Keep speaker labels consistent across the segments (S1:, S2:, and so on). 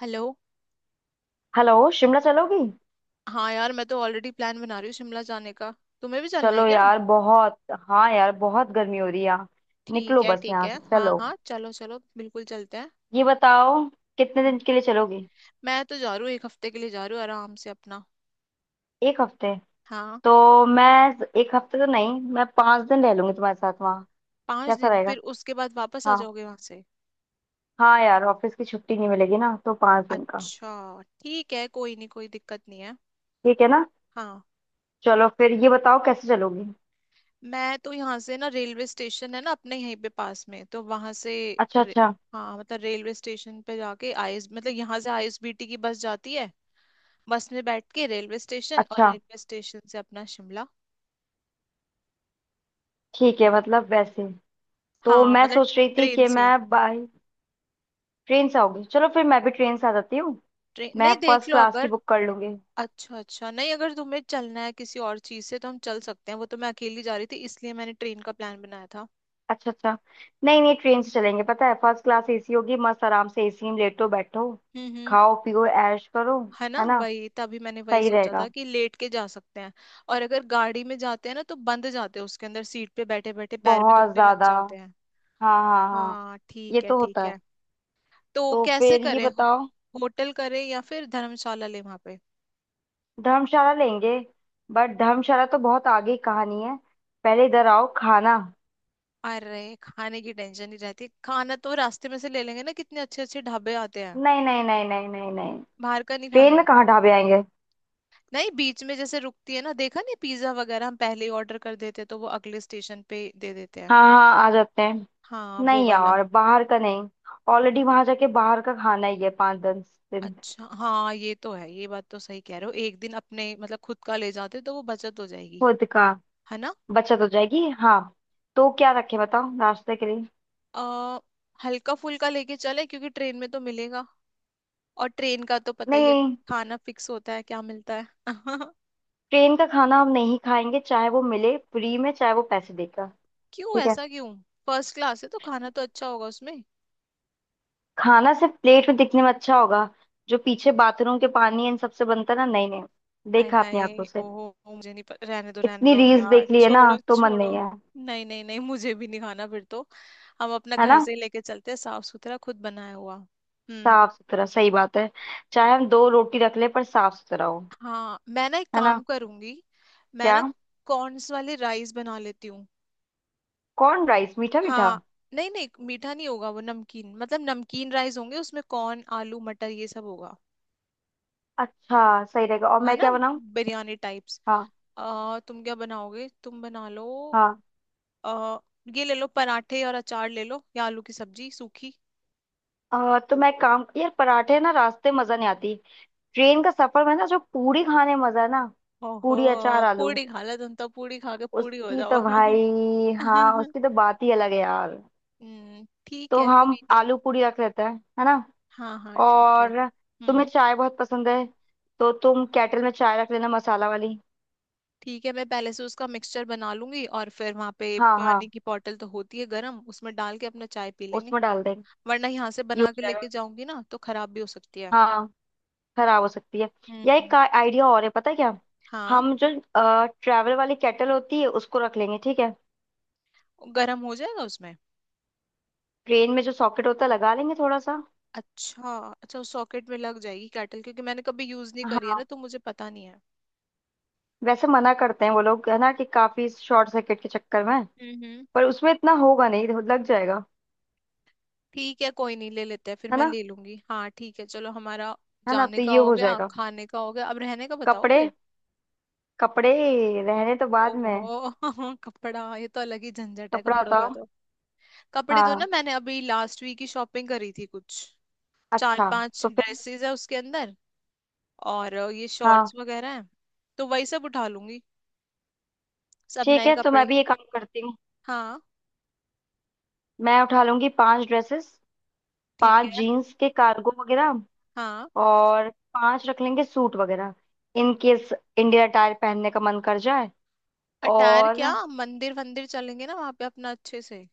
S1: Hello.
S2: Hello. Shimla चलोगी।
S1: हाँ यार, मैं तो ऑलरेडी प्लान बना रही हूँ शिमला जाने का। तुम्हें भी चलना है
S2: चलो
S1: क्या?
S2: यार बहुत। हाँ यार, बहुत गर्मी हो रही है यहाँ।
S1: ठीक
S2: निकलो,
S1: है
S2: बस
S1: ठीक
S2: यहाँ
S1: है,
S2: से
S1: हाँ
S2: चलो।
S1: हाँ, चलो चलो, बिल्कुल चलते हैं।
S2: ये बताओ कितने
S1: हम्म।
S2: दिन के लिए चलोगी।
S1: मैं तो जा रही हूँ, एक हफ्ते के लिए जा रही हूँ आराम से अपना।
S2: एक हफ्ते?
S1: हाँ।
S2: तो मैं एक हफ्ते तो नहीं, मैं पाँच दिन रह लूंगी तुम्हारे साथ वहाँ।
S1: पाँच
S2: कैसा
S1: दिन,
S2: रहेगा?
S1: फिर उसके बाद वापस आ
S2: हाँ।
S1: जाओगे वहां से?
S2: हाँ यार, ऑफिस की छुट्टी नहीं मिलेगी ना, तो पाँच दिन का।
S1: अच्छा ठीक है, कोई नहीं, कोई दिक्कत नहीं है।
S2: ठीक है ना?
S1: हाँ।
S2: चलो फिर ये बताओ कैसे चलोगी।
S1: मैं तो यहाँ से ना, रेलवे स्टेशन है ना अपने यहीं पे पास में, तो वहां से।
S2: अच्छा
S1: रे-
S2: अच्छा।
S1: हाँ मतलब रेलवे स्टेशन पे जाके, आईएस मतलब यहाँ से आईएसबीटी की बस जाती है। बस में बैठ के रेलवे स्टेशन, और
S2: अच्छा,
S1: रेलवे स्टेशन से अपना शिमला।
S2: ठीक है। मतलब वैसे तो
S1: हाँ
S2: मैं
S1: मतलब
S2: सोच रही थी
S1: ट्रेन
S2: कि
S1: से।
S2: मैं बाय ट्रेन से आऊंगी। चलो फिर मैं भी ट्रेन से आ जाती हूँ।
S1: ट्रेन,
S2: मैं
S1: नहीं देख
S2: फर्स्ट
S1: लो
S2: क्लास की
S1: अगर।
S2: बुक कर लूंगी।
S1: अच्छा अच्छा, नहीं अगर तुम्हें चलना है किसी और चीज से तो हम चल सकते हैं, वो तो मैं अकेली जा रही थी इसलिए मैंने ट्रेन का प्लान बनाया था।
S2: अच्छा अच्छा। नहीं नहीं, ट्रेन से चलेंगे। पता है फर्स्ट क्लास एसी होगी, मस्त आराम से एसी में लेटो बैठो,
S1: हम्म।
S2: खाओ पियो ऐश करो।
S1: है ना,
S2: है ना?
S1: वही तभी मैंने वही
S2: सही
S1: सोचा था
S2: रहेगा।
S1: कि लेट के जा सकते हैं। और अगर गाड़ी में जाते हैं ना, तो बंद जाते हैं उसके अंदर, सीट पे बैठे बैठे पैर भी
S2: बहुत
S1: दुखने लग
S2: ज्यादा।
S1: जाते हैं।
S2: हाँ हाँ हाँ।
S1: हाँ
S2: ये
S1: ठीक है
S2: तो
S1: ठीक
S2: होता है।
S1: है। तो
S2: तो
S1: कैसे
S2: फिर ये
S1: करें,
S2: बताओ।
S1: होटल करें या फिर धर्मशाला ले वहां पे?
S2: धर्मशाला लेंगे। बट धर्मशाला तो बहुत आगे की कहानी है। पहले इधर आओ, खाना।
S1: अरे खाने की टेंशन ही रहती है, खाना तो रास्ते में से ले लेंगे ना, कितने अच्छे अच्छे ढाबे आते हैं।
S2: नहीं नहीं नहीं नहीं नहीं नहीं।
S1: बाहर का नहीं
S2: ट्रेन
S1: खाना?
S2: में कहाँ ढाबे आएंगे।
S1: नहीं बीच में जैसे रुकती है ना, देखा नहीं, पिज्जा वगैरह हम पहले ही ऑर्डर कर देते हैं तो वो अगले स्टेशन पे दे देते हैं।
S2: हाँ हाँ, आ जाते हैं।
S1: हाँ वो
S2: नहीं
S1: वाला।
S2: यार, बाहर का नहीं। ऑलरेडी वहां जाके बाहर का खाना ही है पाँच दस दिन।
S1: अच्छा हाँ, ये तो है, ये बात तो सही कह रहे हो। एक दिन अपने मतलब खुद का ले जाते तो वो बचत हो जाएगी,
S2: खुद का।
S1: है ना।
S2: बचत हो जाएगी, हाँ। तो क्या रखे बताओ नाश्ते के लिए।
S1: आ, हल्का फुल्का लेके चले क्योंकि ट्रेन में तो मिलेगा। और ट्रेन का तो पता ही है,
S2: नहीं।
S1: खाना फिक्स होता है, क्या मिलता है।
S2: ट्रेन का खाना हम नहीं खाएंगे, चाहे वो मिले फ्री में, चाहे वो पैसे देकर।
S1: क्यों,
S2: ठीक है।
S1: ऐसा क्यों? फर्स्ट क्लास है तो खाना तो अच्छा होगा उसमें।
S2: खाना सिर्फ प्लेट में दिखने में अच्छा होगा। जो पीछे बाथरूम के पानी, इन सबसे बनता है ना। नहीं नहीं।
S1: हाय
S2: देखा अपनी
S1: हाय,
S2: आंखों से।
S1: ओहो, मुझे नहीं पता, रहने
S2: इतनी
S1: दो
S2: रील्स
S1: यार,
S2: देख ली है ना,
S1: छोड़ो
S2: तो मन
S1: छोड़ो।
S2: नहीं है।
S1: नहीं नहीं नहीं, मुझे भी नहीं खाना फिर तो। हम अपना
S2: है
S1: घर
S2: ना?
S1: से ही लेके चलते हैं, साफ सुथरा खुद बनाया हुआ। हम्म।
S2: साफ सुथरा, सही बात है। चाहे हम दो रोटी रख ले, पर साफ सुथरा हो।
S1: हाँ मैं ना एक
S2: है ना?
S1: काम करूंगी। मैं
S2: क्या?
S1: ना कॉर्न्स वाले राइस बना लेती हूँ।
S2: कॉर्न राइस मीठा मीठा।
S1: हाँ। नहीं नहीं मीठा नहीं होगा वो, नमकीन मतलब नमकीन राइस होंगे, उसमें कॉर्न, आलू, मटर, ये सब होगा।
S2: अच्छा सही रहेगा। और
S1: है
S2: मैं
S1: ना।
S2: क्या बनाऊँ?
S1: बिरयानी टाइप्स।
S2: हाँ
S1: तुम क्या बनाओगे, तुम बना लो।
S2: हाँ।
S1: अ, ये ले लो पराठे और अचार ले लो, या आलू की सब्जी सूखी।
S2: तो मैं काम यार पराठे ना रास्ते मजा नहीं आती। ट्रेन का सफर में ना जो पूरी खाने में मजा है ना।
S1: ओहो।
S2: पूरी अचार आलू।
S1: पूरी खा लो, तुम तो पूरी खा के पूरी हो
S2: उसकी तो
S1: जाओ।
S2: भाई, हाँ उसकी तो बात ही अलग है यार।
S1: हम्म, ठीक
S2: तो
S1: है
S2: हम
S1: कोई नहीं।
S2: आलू पूरी रख लेते हैं। है ना?
S1: हाँ हाँ ठीक है।
S2: और तुम्हें
S1: हम्म,
S2: चाय बहुत पसंद है, तो तुम केटल में चाय रख लेना मसाला वाली।
S1: ठीक है, मैं पहले से उसका मिक्सचर बना लूंगी और फिर वहां पे
S2: हाँ
S1: पानी
S2: हाँ।
S1: की बॉटल तो होती है गर्म, उसमें डाल के अपना चाय पी लेंगे।
S2: उसमें डाल देंगे।
S1: वरना यहाँ से
S2: ये
S1: बना
S2: हो
S1: के लेके
S2: जाएगा।
S1: जाऊंगी ना तो खराब भी हो सकती है।
S2: हाँ। खराब हो सकती है। या एक
S1: हम्म।
S2: आइडिया और है, पता है क्या?
S1: हाँ।
S2: हम जो ट्रैवल वाली केटल होती है उसको रख लेंगे, ठीक है।
S1: गर्म हो जाएगा उसमें?
S2: ट्रेन में जो सॉकेट होता है लगा लेंगे थोड़ा सा।
S1: अच्छा। अच्छा, उस सॉकेट में लग जाएगी कैटल? क्योंकि मैंने कभी यूज नहीं करी है
S2: हाँ
S1: ना, तो मुझे पता नहीं है।
S2: वैसे मना करते हैं वो लोग है ना, कि काफी शॉर्ट सर्किट के चक्कर में।
S1: हम्म।
S2: पर उसमें इतना होगा नहीं, तो लग जाएगा।
S1: ठीक है कोई नहीं, ले लेते हैं फिर,
S2: है
S1: मैं
S2: ना?
S1: ले लूंगी, हाँ ठीक है। चलो हमारा
S2: है ना,
S1: जाने
S2: तो
S1: का
S2: ये
S1: हो
S2: हो
S1: गया,
S2: जाएगा।
S1: खाने का हो गया, अब रहने का बताओ
S2: कपड़े,
S1: फिर।
S2: कपड़े। रहने तो बाद
S1: ओहो।
S2: में।
S1: कपड़ा, ये तो अलग ही झंझट है
S2: कपड़ा
S1: कपड़ों
S2: था।
S1: का तो। कपड़े तो ना
S2: हाँ।
S1: मैंने अभी लास्ट वीक ही शॉपिंग करी थी कुछ। चार
S2: अच्छा।
S1: पांच
S2: तो फिर?
S1: ड्रेसेस है उसके अंदर, और ये
S2: हाँ,
S1: शॉर्ट्स वगैरह है, तो वही सब उठा लूंगी, सब
S2: ठीक
S1: नए
S2: है। तो मैं
S1: कपड़े।
S2: भी ये काम करती हूँ।
S1: हाँ।
S2: मैं उठा लूंगी पांच ड्रेसेस।
S1: ठीक
S2: पांच
S1: है।
S2: जीन्स के कार्गो वगैरह।
S1: हाँ।
S2: और पांच रख लेंगे सूट वगैरह। इन केस इंडियन अटायर पहनने का मन कर जाए।
S1: अटायर
S2: और
S1: क्या, मंदिर वंदिर चलेंगे ना वहां पे अपना अच्छे से।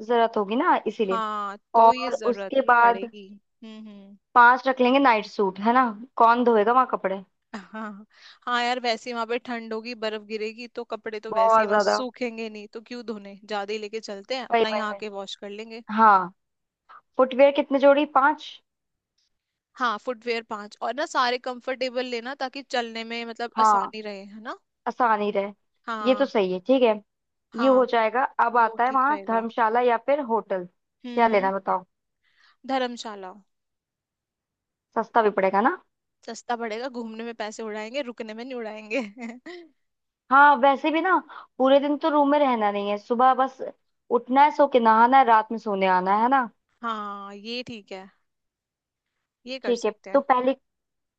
S2: जरूरत होगी ना, इसीलिए।
S1: हाँ तो ये
S2: और
S1: जरूरत
S2: उसके बाद
S1: पड़ेगी। हम्म।
S2: पांच रख लेंगे नाइट सूट। है ना? कौन धोएगा वहां कपड़े।
S1: हाँ। हाँ यार वैसे ही वहां पे ठंड होगी, बर्फ गिरेगी, तो कपड़े तो वैसे ही
S2: बहुत
S1: वहां
S2: ज्यादा।
S1: सूखेंगे नहीं, तो क्यों धोने, ज्यादा ही लेके चलते हैं
S2: वही
S1: अपना,
S2: वही
S1: यहाँ
S2: वही।
S1: आके वॉश कर लेंगे।
S2: हाँ। फुटवेयर कितने जोड़ी? पांच।
S1: हाँ फुटवेयर पांच, और ना सारे कंफर्टेबल लेना ताकि चलने में मतलब
S2: हाँ,
S1: आसानी रहे, है ना।
S2: आसान ही रहे। ये तो
S1: हाँ।
S2: सही है, ठीक है। ये
S1: हाँ।
S2: हो जाएगा। अब
S1: वो
S2: आता है
S1: ठीक
S2: वहाँ
S1: रहेगा।
S2: धर्मशाला या फिर होटल, क्या लेना
S1: हम्म।
S2: है बताओ।
S1: धर्मशाला।
S2: सस्ता भी पड़ेगा ना।
S1: सस्ता पड़ेगा, घूमने में पैसे उड़ाएंगे, रुकने में नहीं उड़ाएंगे।
S2: हाँ वैसे भी ना, पूरे दिन तो रूम में रहना नहीं है। सुबह बस उठना है, सो के नहाना है, रात में सोने आना है। है ना?
S1: हाँ ये ठीक है। ये कर
S2: ठीक है।
S1: सकते हैं।
S2: तो पहले,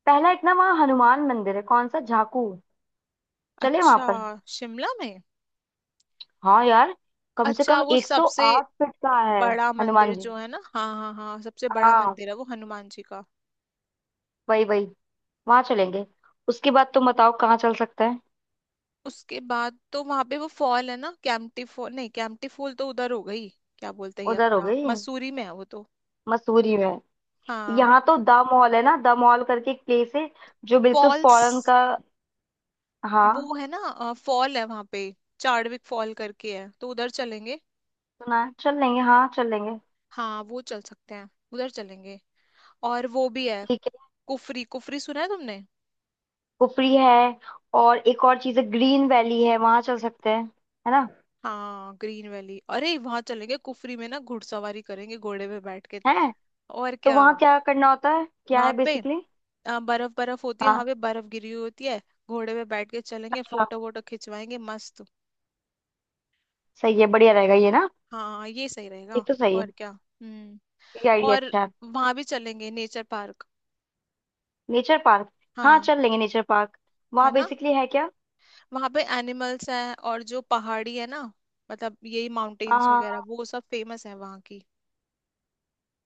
S2: पहला एक ना वहाँ हनुमान मंदिर है, कौन सा, झाकू। चले वहां
S1: अच्छा।
S2: पर।
S1: शिमला में?
S2: हाँ यार, कम से
S1: अच्छा
S2: कम
S1: वो सबसे
S2: 108 फीट का है।
S1: बड़ा
S2: हनुमान
S1: मंदिर
S2: जी,
S1: जो है ना, हाँ हाँ हाँ, सबसे बड़ा
S2: हाँ।
S1: मंदिर है वो हनुमान जी का।
S2: वही वही। वहां चलेंगे। उसके बाद तुम बताओ कहाँ चल सकते हैं।
S1: उसके बाद तो वहां पे वो फॉल है ना, कैंपटी फॉल, नहीं कैंपटी फॉल तो उधर हो गई। क्या बोलते हैं ये,
S2: उधर हो
S1: अपना
S2: गई
S1: मसूरी में है वो तो।
S2: मसूरी में।
S1: हाँ
S2: यहाँ तो द मॉल है ना, द मॉल करके एक प्लेस है जो बिल्कुल
S1: फॉल्स।
S2: फॉरेन का। हाँ
S1: वो है ना फॉल है वहां पे, चार्डविक फॉल करके है, तो उधर चलेंगे।
S2: सुना है, चल लेंगे। हाँ चल लेंगे।
S1: हाँ वो चल सकते हैं, उधर चलेंगे। और वो भी है
S2: ठीक।
S1: कुफरी, कुफरी सुना है तुमने?
S2: कुफरी है। और एक और चीज है, ग्रीन वैली है, वहां चल सकते हैं। है ना?
S1: हाँ ग्रीन वैली, अरे वहां चलेंगे, कुफरी में ना घुड़सवारी करेंगे, घोड़े पे बैठ के।
S2: है।
S1: और
S2: तो
S1: क्या?
S2: वहां क्या करना होता है, क्या
S1: वहां
S2: है
S1: पे
S2: बेसिकली?
S1: बर्फ बर्फ होती है वहां
S2: हाँ।
S1: पे, बर्फ गिरी हुई होती है, घोड़े पे बैठ के चलेंगे,
S2: अच्छा,
S1: फोटो वोटो खिंचवाएंगे मस्त।
S2: सही है, बढ़िया रहेगा ये ना।
S1: हाँ ये सही
S2: ये
S1: रहेगा।
S2: तो सही है।
S1: और क्या। हम्म।
S2: ये आइडिया
S1: और
S2: अच्छा है।
S1: वहां भी चलेंगे, नेचर पार्क।
S2: Nature park. हाँ
S1: हाँ।
S2: चल लेंगे नेचर पार्क।
S1: है
S2: वहाँ
S1: ना।
S2: बेसिकली है क्या?
S1: वहां पे एनिमल्स हैं, और जो पहाड़ी है ना, मतलब यही
S2: हाँ
S1: माउंटेन्स वगैरह,
S2: हाँ।
S1: वो सब फेमस है वहां की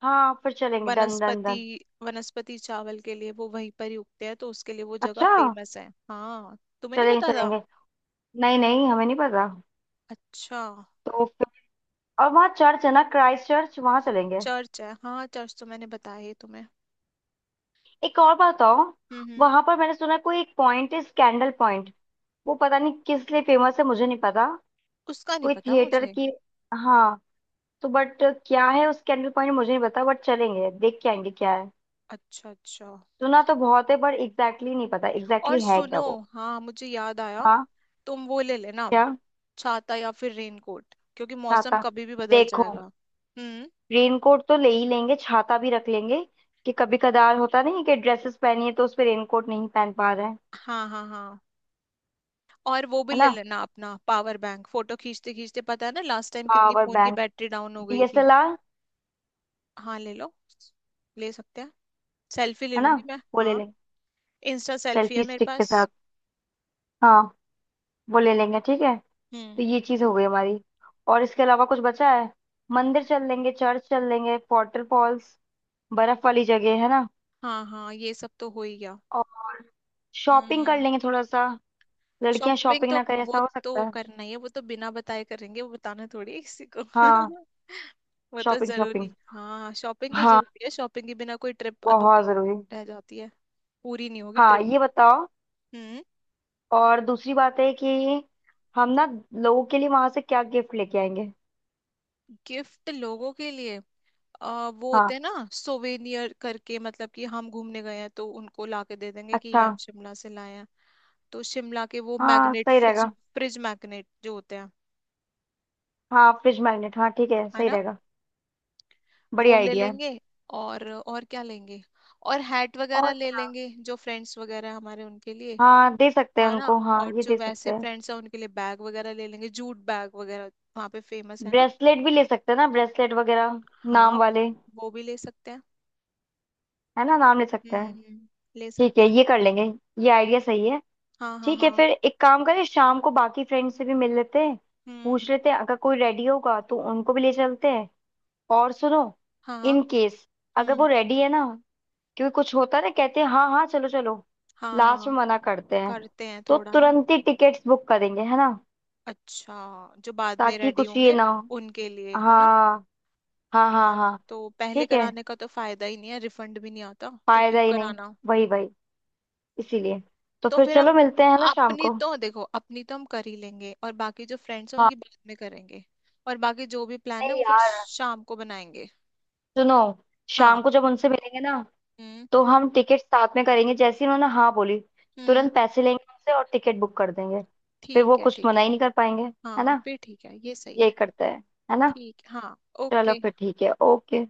S2: हाँ हाँ, फिर चलेंगे डन डन
S1: वनस्पति।
S2: डन।
S1: वनस्पति चावल के लिए वो वहीं पर ही उगते हैं, तो उसके लिए वो जगह
S2: अच्छा।
S1: फेमस है। हाँ तुम्हें नहीं
S2: चलेंगे
S1: पता था?
S2: चलेंगे। नहीं नहीं, हमें नहीं पता।
S1: अच्छा।
S2: तो फिर? और वहाँ चर्च है ना, क्राइस्ट चर्च, वहाँ चलेंगे।
S1: चर्च है, हाँ चर्च तो मैंने बताया ही तुम्हें।
S2: एक और बात बताओ।
S1: हम्म।
S2: वहां पर मैंने सुना है कोई एक पॉइंट है स्कैंडल। वो पता नहीं किस लिए फेमस है, मुझे नहीं पता।
S1: उसका नहीं
S2: कोई
S1: पता
S2: थिएटर
S1: मुझे।
S2: की। हाँ, तो बट क्या है उसके अंदर पॉइंट, मुझे नहीं पता, बट चलेंगे, देख के आएंगे क्या है।
S1: अच्छा अच्छा।
S2: सुना तो बहुत है पर एग्जैक्टली नहीं पता
S1: और
S2: एग्जैक्टली है क्या
S1: सुनो,
S2: वो।
S1: हाँ मुझे याद आया,
S2: हाँ।
S1: तुम वो ले लेना,
S2: क्या?
S1: छाता या फिर रेनकोट, क्योंकि मौसम
S2: छाता?
S1: कभी भी बदल
S2: देखो,
S1: जाएगा। हम्म।
S2: रेनकोट तो ले ही लेंगे, छाता भी रख लेंगे। कि कभी कदार होता नहीं है कि ड्रेसेस पहनी है तो उस पे रेनकोट नहीं पहन पा रहे हैं।
S1: हाँ हाँ हाँ। और वो भी
S2: है
S1: ले
S2: ना?
S1: लेना अपना पावर बैंक, फोटो खींचते खींचते, पता है ना लास्ट टाइम कितनी
S2: पावर
S1: फोन की
S2: बैंक,
S1: बैटरी डाउन हो गई थी।
S2: डीएसएलआर।
S1: हाँ ले लो। ले सकते हैं। सेल्फी ले
S2: है ना?
S1: लूंगी मैं,
S2: वो ले
S1: हाँ।
S2: लेंगे।
S1: इंस्टा सेल्फी
S2: सेल्फी
S1: है मेरे
S2: स्टिक के
S1: पास।
S2: साथ, हाँ। वो ले लेंगे, ठीक है। तो
S1: हम्म।
S2: ये चीज हो गई हमारी, और इसके अलावा कुछ बचा है? मंदिर चल लेंगे, चर्च चल लेंगे, फॉल्स, बर्फ वाली जगह, है ना?
S1: हाँ हाँ ये सब तो हो ही गया।
S2: और शॉपिंग कर
S1: हम्म।
S2: लेंगे थोड़ा सा। लड़कियां
S1: शॉपिंग
S2: शॉपिंग
S1: तो,
S2: ना करें
S1: वो
S2: ऐसा हो सकता
S1: तो
S2: है?
S1: करना ही है, वो तो बिना बताए करेंगे, वो बताना थोड़ी है किसी को।
S2: हाँ।
S1: वो तो
S2: शॉपिंग शॉपिंग।
S1: जरूरी, हाँ शॉपिंग तो
S2: हाँ,
S1: जरूरी है, शॉपिंग के बिना कोई ट्रिप
S2: बहुत
S1: अधूरी
S2: जरूरी।
S1: रह जाती है, पूरी नहीं होगी
S2: हाँ
S1: ट्रिप।
S2: ये बताओ,
S1: हम्म।
S2: और दूसरी बात है कि हम ना लोगों के लिए वहां से क्या गिफ्ट लेके आएंगे।
S1: गिफ्ट लोगों के लिए? वो होते
S2: हाँ।
S1: हैं ना सोवेनियर करके, मतलब कि हम घूमने गए हैं तो उनको ला के दे देंगे कि ये
S2: अच्छा।
S1: हम शिमला से लाए हैं। तो शिमला के वो
S2: हाँ
S1: मैग्नेट,
S2: सही
S1: फ्रिज
S2: रहेगा।
S1: फ्रिज मैग्नेट जो होते हैं,
S2: हाँ फ्रिज मैग्नेट, हाँ ठीक है,
S1: है
S2: सही
S1: ना।
S2: रहेगा।
S1: वो
S2: बढ़िया
S1: ले
S2: आइडिया है।
S1: लेंगे। और क्या लेंगे, और हैट वगैरह
S2: और
S1: ले
S2: क्या?
S1: लेंगे, जो फ्रेंड्स वगैरह हैं हमारे उनके लिए,
S2: हाँ दे सकते हैं
S1: है ना।
S2: उनको, हाँ
S1: और
S2: ये
S1: जो
S2: दे सकते
S1: वैसे
S2: हैं।
S1: फ्रेंड्स हैं उनके लिए बैग वगैरह ले लेंगे, जूट बैग वगैरह, वहाँ पे फेमस है ना।
S2: ब्रेसलेट भी ले सकते हैं ना, ब्रेसलेट वगैरह,
S1: हाँ
S2: नाम वाले।
S1: वो भी ले सकते हैं।
S2: है ना? नाम ले सकते हैं।
S1: हम्म, ले
S2: ठीक
S1: सकते
S2: है,
S1: हैं।
S2: ये कर लेंगे। ये आइडिया सही है।
S1: हाँ हाँ
S2: ठीक है,
S1: हाँ।
S2: फिर एक काम करें, शाम को बाकी फ्रेंड से भी मिल लेते हैं।
S1: हम्म।
S2: पूछ लेते हैं, अगर कोई रेडी होगा तो उनको भी ले चलते हैं। और सुनो,
S1: हाँ हाँ।
S2: इन केस, अगर वो
S1: हम्म।
S2: रेडी है ना, क्योंकि कुछ होता है ना, कहते हैं हाँ हाँ चलो चलो,
S1: हाँ
S2: लास्ट
S1: हाँ।
S2: में मना करते हैं।
S1: करते हैं
S2: तो
S1: थोड़ा ना।
S2: तुरंत ही टिकट्स बुक करेंगे, है ना,
S1: अच्छा जो बाद में
S2: ताकि
S1: रेडी
S2: कुछ ये
S1: होंगे
S2: ना हो।
S1: उनके लिए, है ना।
S2: हाँ हाँ हाँ।
S1: हाँ।
S2: हाँ
S1: तो पहले
S2: ठीक है।
S1: कराने का तो फायदा ही नहीं है, रिफंड भी नहीं आता, तो
S2: फायदा
S1: क्यों
S2: ही नहीं।
S1: कराना।
S2: वही वही, इसीलिए। तो
S1: तो
S2: फिर
S1: फिर हम,
S2: चलो मिलते हैं ना शाम
S1: अपनी
S2: को।
S1: तो देखो, अपनी तो हम कर ही लेंगे, और बाकी जो फ्रेंड्स हैं
S2: हाँ।
S1: उनकी बाद में करेंगे। और बाकी जो भी प्लान है
S2: नहीं
S1: वो फिर
S2: यार
S1: शाम को बनाएंगे।
S2: सुनो,
S1: हाँ।
S2: शाम को जब उनसे मिलेंगे ना,
S1: हम्म
S2: तो हम टिकट साथ में करेंगे। जैसे ही उन्होंने हाँ बोली,
S1: हम्म।
S2: तुरंत पैसे लेंगे उनसे और टिकट बुक कर देंगे। फिर वो
S1: ठीक है
S2: कुछ
S1: ठीक है।
S2: मना ही नहीं कर पाएंगे। है
S1: हाँ
S2: ना?
S1: फिर ठीक है, ये सही
S2: यही
S1: है।
S2: करते हैं, है ना।
S1: ठीक, हाँ
S2: चलो
S1: ओके।
S2: फिर, ठीक है, ओके।